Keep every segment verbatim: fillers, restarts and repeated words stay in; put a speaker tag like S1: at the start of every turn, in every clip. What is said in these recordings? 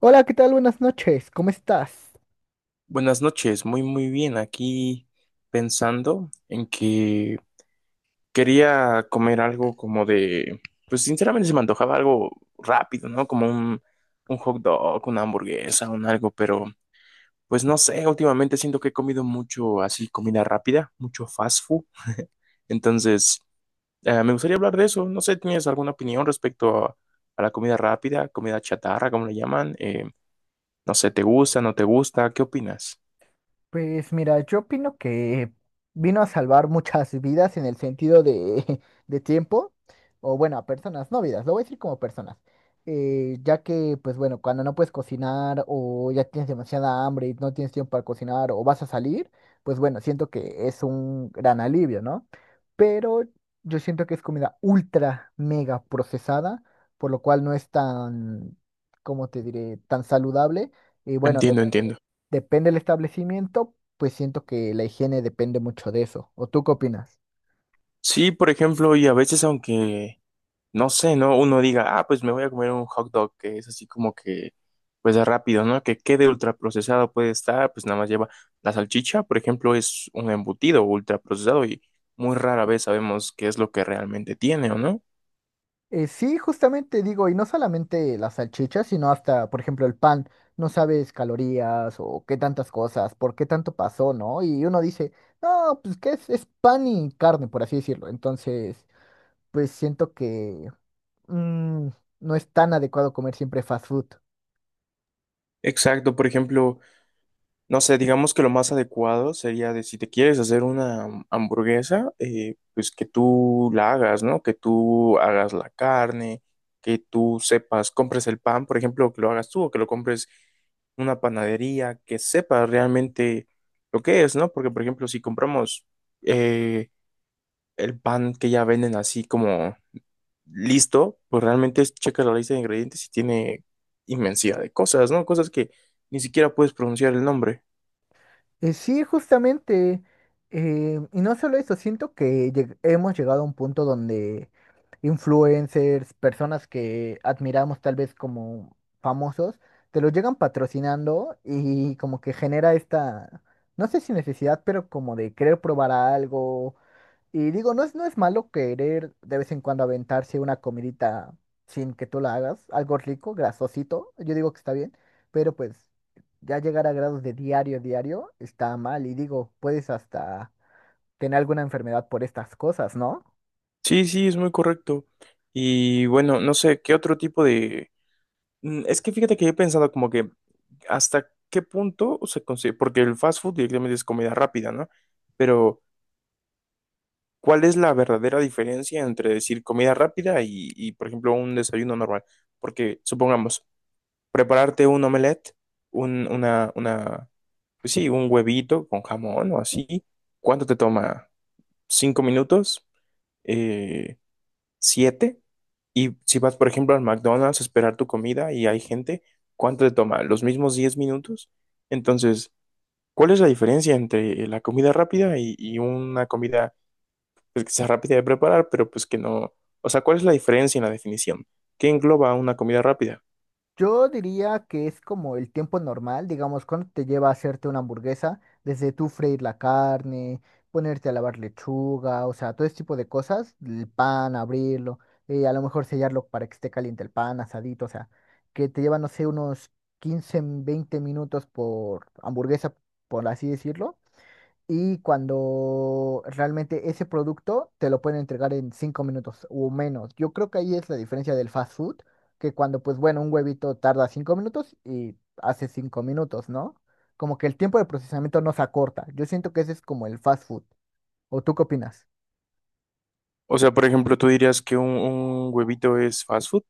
S1: Hola, ¿qué tal? Buenas noches, ¿cómo estás?
S2: Buenas noches, muy muy bien. Aquí pensando en que quería comer algo como de, pues sinceramente se me antojaba algo rápido, ¿no? Como un, un hot dog, una hamburguesa, un algo, pero pues no sé, últimamente siento que he comido mucho así, comida rápida, mucho fast food. Entonces, eh, me gustaría hablar de eso. No sé, ¿tienes alguna opinión respecto a, a la comida rápida, comida chatarra, como le llaman? Eh, no sé, ¿te gusta, no te gusta? ¿Qué opinas?
S1: Pues mira, yo opino que vino a salvar muchas vidas en el sentido de, de tiempo, o bueno, a personas, no vidas, lo voy a decir como personas, eh, ya que pues bueno, cuando no puedes cocinar o ya tienes demasiada hambre y no tienes tiempo para cocinar o vas a salir, pues bueno, siento que es un gran alivio, ¿no? Pero yo siento que es comida ultra mega procesada, por lo cual no es tan, ¿cómo te diré?, tan saludable. Y bueno,
S2: Entiendo, entiendo.
S1: depende del establecimiento, pues siento que la higiene depende mucho de eso. ¿O tú qué opinas?
S2: Sí, por ejemplo, y a veces aunque, no sé, ¿no? Uno diga, ah, pues me voy a comer un hot dog, que es así como que, pues de rápido, ¿no? Que quede ultraprocesado puede estar, pues nada más lleva la salchicha, por ejemplo, es un embutido ultraprocesado y muy rara vez sabemos qué es lo que realmente tiene, ¿o no?
S1: Eh, sí, justamente digo, y no solamente las salchichas, sino hasta, por ejemplo, el pan. No sabes calorías o qué tantas cosas, por qué tanto pasó, ¿no? Y uno dice, no, pues que es, es pan y carne, por así decirlo. Entonces, pues siento que mm, no es tan adecuado comer siempre fast food.
S2: Exacto, por ejemplo, no sé, digamos que lo más adecuado sería de si te quieres hacer una hamburguesa, eh, pues que tú la hagas, ¿no? Que tú hagas la carne, que tú sepas, compres el pan, por ejemplo, que lo hagas tú o que lo compres una panadería, que sepas realmente lo que es, ¿no? Porque, por ejemplo, si compramos eh, el pan que ya venden así como listo, pues realmente es checas la lista de ingredientes y tiene inmensidad de cosas, ¿no? Cosas que ni siquiera puedes pronunciar el nombre.
S1: Eh, sí, justamente. Eh, y no solo eso, siento que lleg- hemos llegado a un punto donde influencers, personas que admiramos tal vez como famosos, te lo llegan patrocinando y como que genera esta, no sé si necesidad, pero como de querer probar algo y digo, no es, no es malo querer de vez en cuando aventarse una comidita sin que tú la hagas, algo rico, grasosito, yo digo que está bien, pero pues ya llegar a grados de diario, diario, está mal. Y digo, puedes hasta tener alguna enfermedad por estas cosas, ¿no?
S2: Sí, sí, es muy correcto. Y bueno, no sé, ¿qué otro tipo de...? Mm, Es que fíjate que he pensado como que hasta qué punto se consigue, porque el fast food directamente es comida rápida, ¿no? Pero, ¿cuál es la verdadera diferencia entre decir comida rápida y, y, por ejemplo, un desayuno normal? Porque, supongamos, prepararte un omelette, un, una, una, pues sí, un huevito con jamón o así, ¿cuánto te toma? ¿Cinco minutos? Eh, siete. Y si vas, por ejemplo, al McDonald's a esperar tu comida y hay gente, ¿cuánto te toma? ¿Los mismos diez minutos? Entonces, ¿cuál es la diferencia entre la comida rápida y, y una comida pues, que sea rápida de preparar, pero pues que no? O sea, ¿cuál es la diferencia en la definición? ¿Qué engloba una comida rápida?
S1: Yo diría que es como el tiempo normal, digamos, cuando te lleva a hacerte una hamburguesa, desde tú freír la carne, ponerte a lavar lechuga, o sea, todo ese tipo de cosas, el pan, abrirlo, eh, a lo mejor sellarlo para que esté caliente el pan, asadito, o sea, que te lleva, no sé, unos quince, veinte minutos por hamburguesa, por así decirlo. Y cuando realmente ese producto te lo pueden entregar en cinco minutos o menos. Yo creo que ahí es la diferencia del fast food, que cuando, pues bueno, un huevito tarda cinco minutos y hace cinco minutos, ¿no? Como que el tiempo de procesamiento no se acorta. Yo siento que ese es como el fast food. ¿O tú qué opinas?
S2: O sea, por ejemplo, ¿tú dirías que un, un huevito es fast food?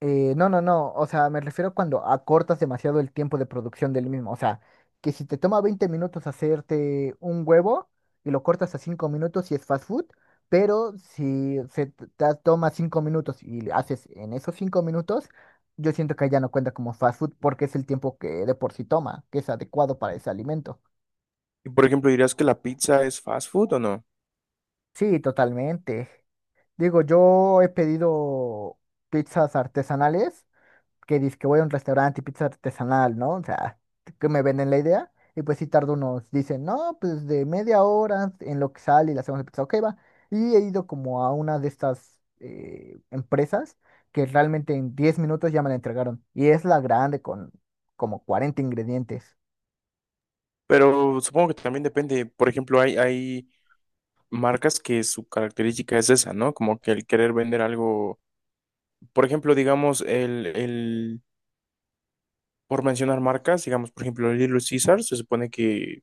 S1: Eh, no, no, no. O sea, me refiero cuando acortas demasiado el tiempo de producción del mismo. O sea, que si te toma veinte minutos hacerte un huevo y lo cortas a cinco minutos y es fast food, pero si se t- te toma cinco minutos y haces en esos cinco minutos, yo siento que ya no cuenta como fast food porque es el tiempo que de por sí toma, que es adecuado para ese alimento.
S2: Y por ejemplo, ¿dirías que la pizza es fast food o no?
S1: Sí, totalmente. Digo, yo he pedido pizzas artesanales que dice que voy a un restaurante y pizza artesanal, ¿no? O sea, que me venden la idea. Y pues sí tardo unos, dicen, no, pues de media hora en lo que sale y la hacemos la pizza, ok, va. Y he ido como a una de estas eh, empresas que realmente en diez minutos ya me la entregaron. Y es la grande con como cuarenta ingredientes.
S2: Pero supongo que también depende. Por ejemplo, hay, hay marcas que su característica es esa, ¿no? Como que el querer vender algo, por ejemplo, digamos, el, el, por mencionar marcas, digamos, por ejemplo, el Little Caesar, se supone que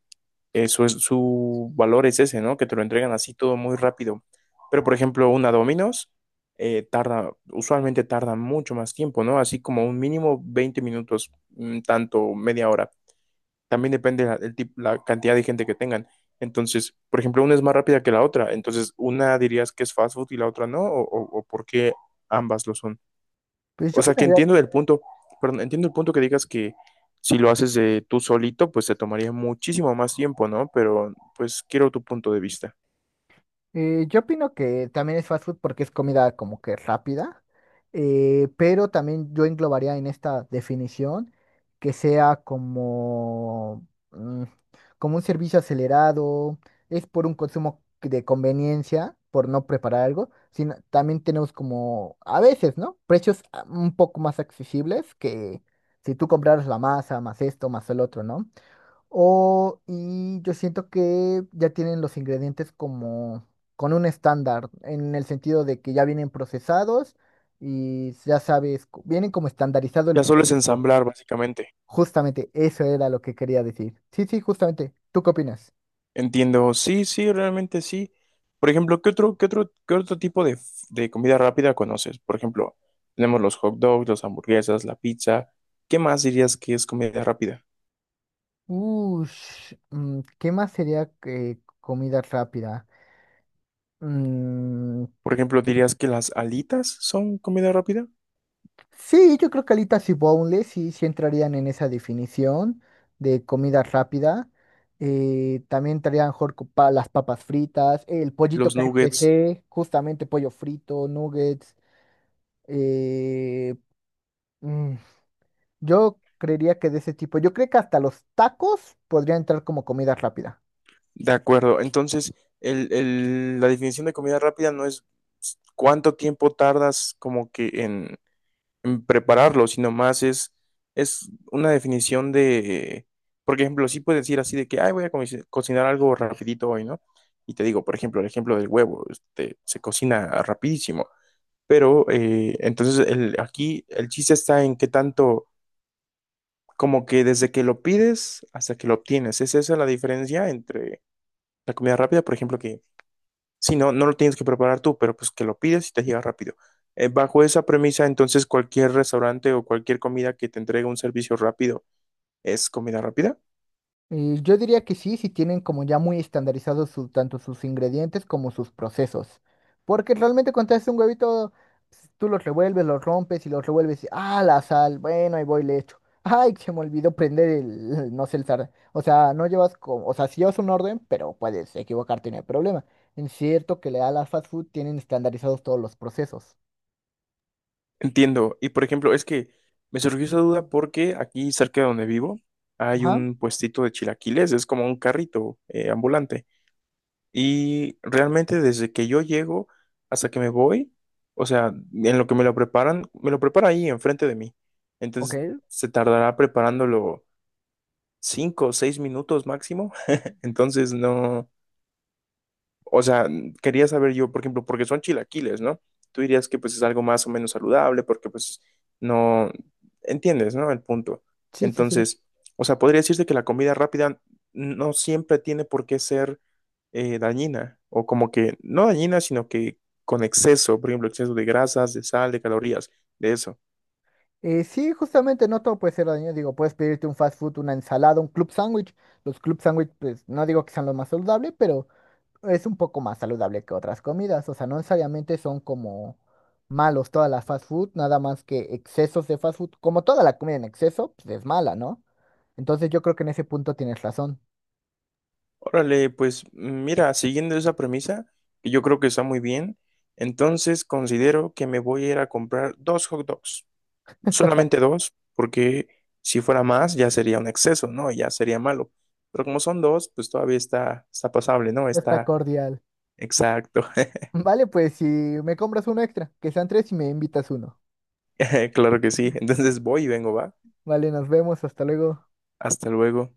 S2: eso es, su valor es ese, ¿no? Que te lo entregan así todo muy rápido. Pero, por ejemplo, una Domino's, eh, tarda, usualmente tarda mucho más tiempo, ¿no? Así como un mínimo veinte minutos, mm, tanto media hora. También depende la, el tip- la cantidad de gente que tengan. Entonces, por ejemplo, una es más rápida que la otra. Entonces, una dirías que es fast food y la otra no, o, o, o por qué ambas lo son.
S1: Pues yo
S2: O sea, que
S1: opinaría.
S2: entiendo el punto, perdón, entiendo el punto que digas que si lo haces de tú solito, pues te tomaría muchísimo más tiempo, ¿no? Pero, pues, quiero tu punto de vista.
S1: Eh, yo opino que también es fast food porque es comida como que rápida, eh, pero también yo englobaría en esta definición que sea como, mm, como un servicio acelerado, es por un consumo que- de conveniencia, por no preparar algo, sino también tenemos como, a veces, ¿no? Precios ah, un poco más accesibles que si tú compraras la masa, más esto, más el otro, ¿no? O, y yo siento que ya tienen los ingredientes como con un estándar, en el sentido de que ya vienen procesados y ya sabes, co- vienen como estandarizado el
S2: Ya solo es
S1: producto.
S2: ensamblar, básicamente.
S1: Justamente eso era lo que quería decir. Sí, sí, justamente. ¿Tú qué opinas?
S2: Entiendo, sí, sí, realmente sí. Por ejemplo, ¿qué otro, qué otro, ¿qué otro tipo de, f- de comida rápida conoces? Por ejemplo, tenemos los hot dogs, las hamburguesas, la pizza. ¿Qué más dirías que es comida rápida?
S1: Ush, mm, ¿qué más sería que comida rápida?
S2: Por ejemplo, ¿dirías que las alitas son comida rápida?
S1: Sí, yo creo que alitas y boneless sí, sí entrarían en esa definición de comida rápida. Eh, también entrarían a lo mejor co- pa- las papas fritas, el pollito
S2: Los nuggets,
S1: K F C, justamente pollo frito, nuggets. eh, mm, yo creería que de ese tipo. Yo creo que hasta los tacos podrían entrar como comida rápida.
S2: de acuerdo. Entonces, el, el- la definición de comida rápida no es cuánto tiempo tardas como que en mm, prepararlo, sino más es, es una definición de, por ejemplo, sí puedes decir así de que, ay, voy a co- cocinar algo rapidito hoy, ¿no? Y te digo, por ejemplo, el ejemplo del huevo, este, se cocina rapidísimo, pero eh, entonces el, aquí el chiste está en qué tanto, como que desde que lo pides hasta que lo obtienes, es esa la diferencia entre la comida rápida, por ejemplo, que si no, no lo tienes que preparar tú, pero pues que lo pides y te llega rápido. Eh, bajo esa premisa, entonces cualquier restaurante o cualquier comida que te entregue un servicio rápido es comida rápida.
S1: Eh, yo diría que sí, si tienen como ya muy estandarizados su- tanto sus ingredientes como sus procesos. Porque realmente cuando haces un huevito, s- tú los revuelves, los rompes y los revuelves. Y, ah, la sal, bueno, ahí voy, le echo. Ay, se me olvidó prender el, no sé, el sartén. O sea, no llevas como, o sea, si llevas un orden, pero puedes equivocarte, no hay problema. Es cierto que le da a la fast food, tienen estandarizados todos los procesos.
S2: Entiendo. Y por ejemplo, es que me surgió esa duda porque aquí cerca de donde vivo hay
S1: Ajá.
S2: un puestito de chilaquiles, es como un carrito eh, ambulante. Y realmente desde que yo llego hasta que me voy, o sea, en lo que me lo preparan, me lo prepara ahí enfrente de mí.
S1: Ok,
S2: Entonces se tardará preparándolo cinco o seis minutos máximo. Entonces no, o sea, quería saber yo, por ejemplo, porque son chilaquiles, ¿no? Tú dirías que pues es algo más o menos saludable porque pues no entiendes, ¿no? El punto.
S1: sí, sí, sí.
S2: Entonces, o sea, podría decirse que la comida rápida no siempre tiene por qué ser eh, dañina o como que no dañina, sino que con exceso, por ejemplo, exceso de grasas, de sal, de calorías, de eso.
S1: Eh, sí, justamente no todo puede ser dañino. Digo, puedes pedirte un fast food, una ensalada, un club sándwich. Los club sándwich, pues no digo que sean los más saludables, pero es un poco más saludable que otras comidas. O sea, no necesariamente son como malos todas las fast food, nada más que excesos de fast food. Como toda la comida en exceso, pues es mala, ¿no? Entonces yo creo que en ese punto tienes razón.
S2: Órale, pues mira, siguiendo esa premisa, que yo creo que está muy bien, entonces considero que me voy a ir a comprar dos hot dogs. Solamente dos, porque si fuera más ya sería un exceso, ¿no? Ya sería malo. Pero como son dos, pues todavía está, está pasable, ¿no?
S1: Está
S2: Está
S1: cordial.
S2: exacto.
S1: Vale, pues si me compras uno extra, que sean tres y me invitas uno.
S2: Claro que sí. Entonces voy y vengo, va.
S1: Vale, nos vemos, hasta luego.
S2: Hasta luego.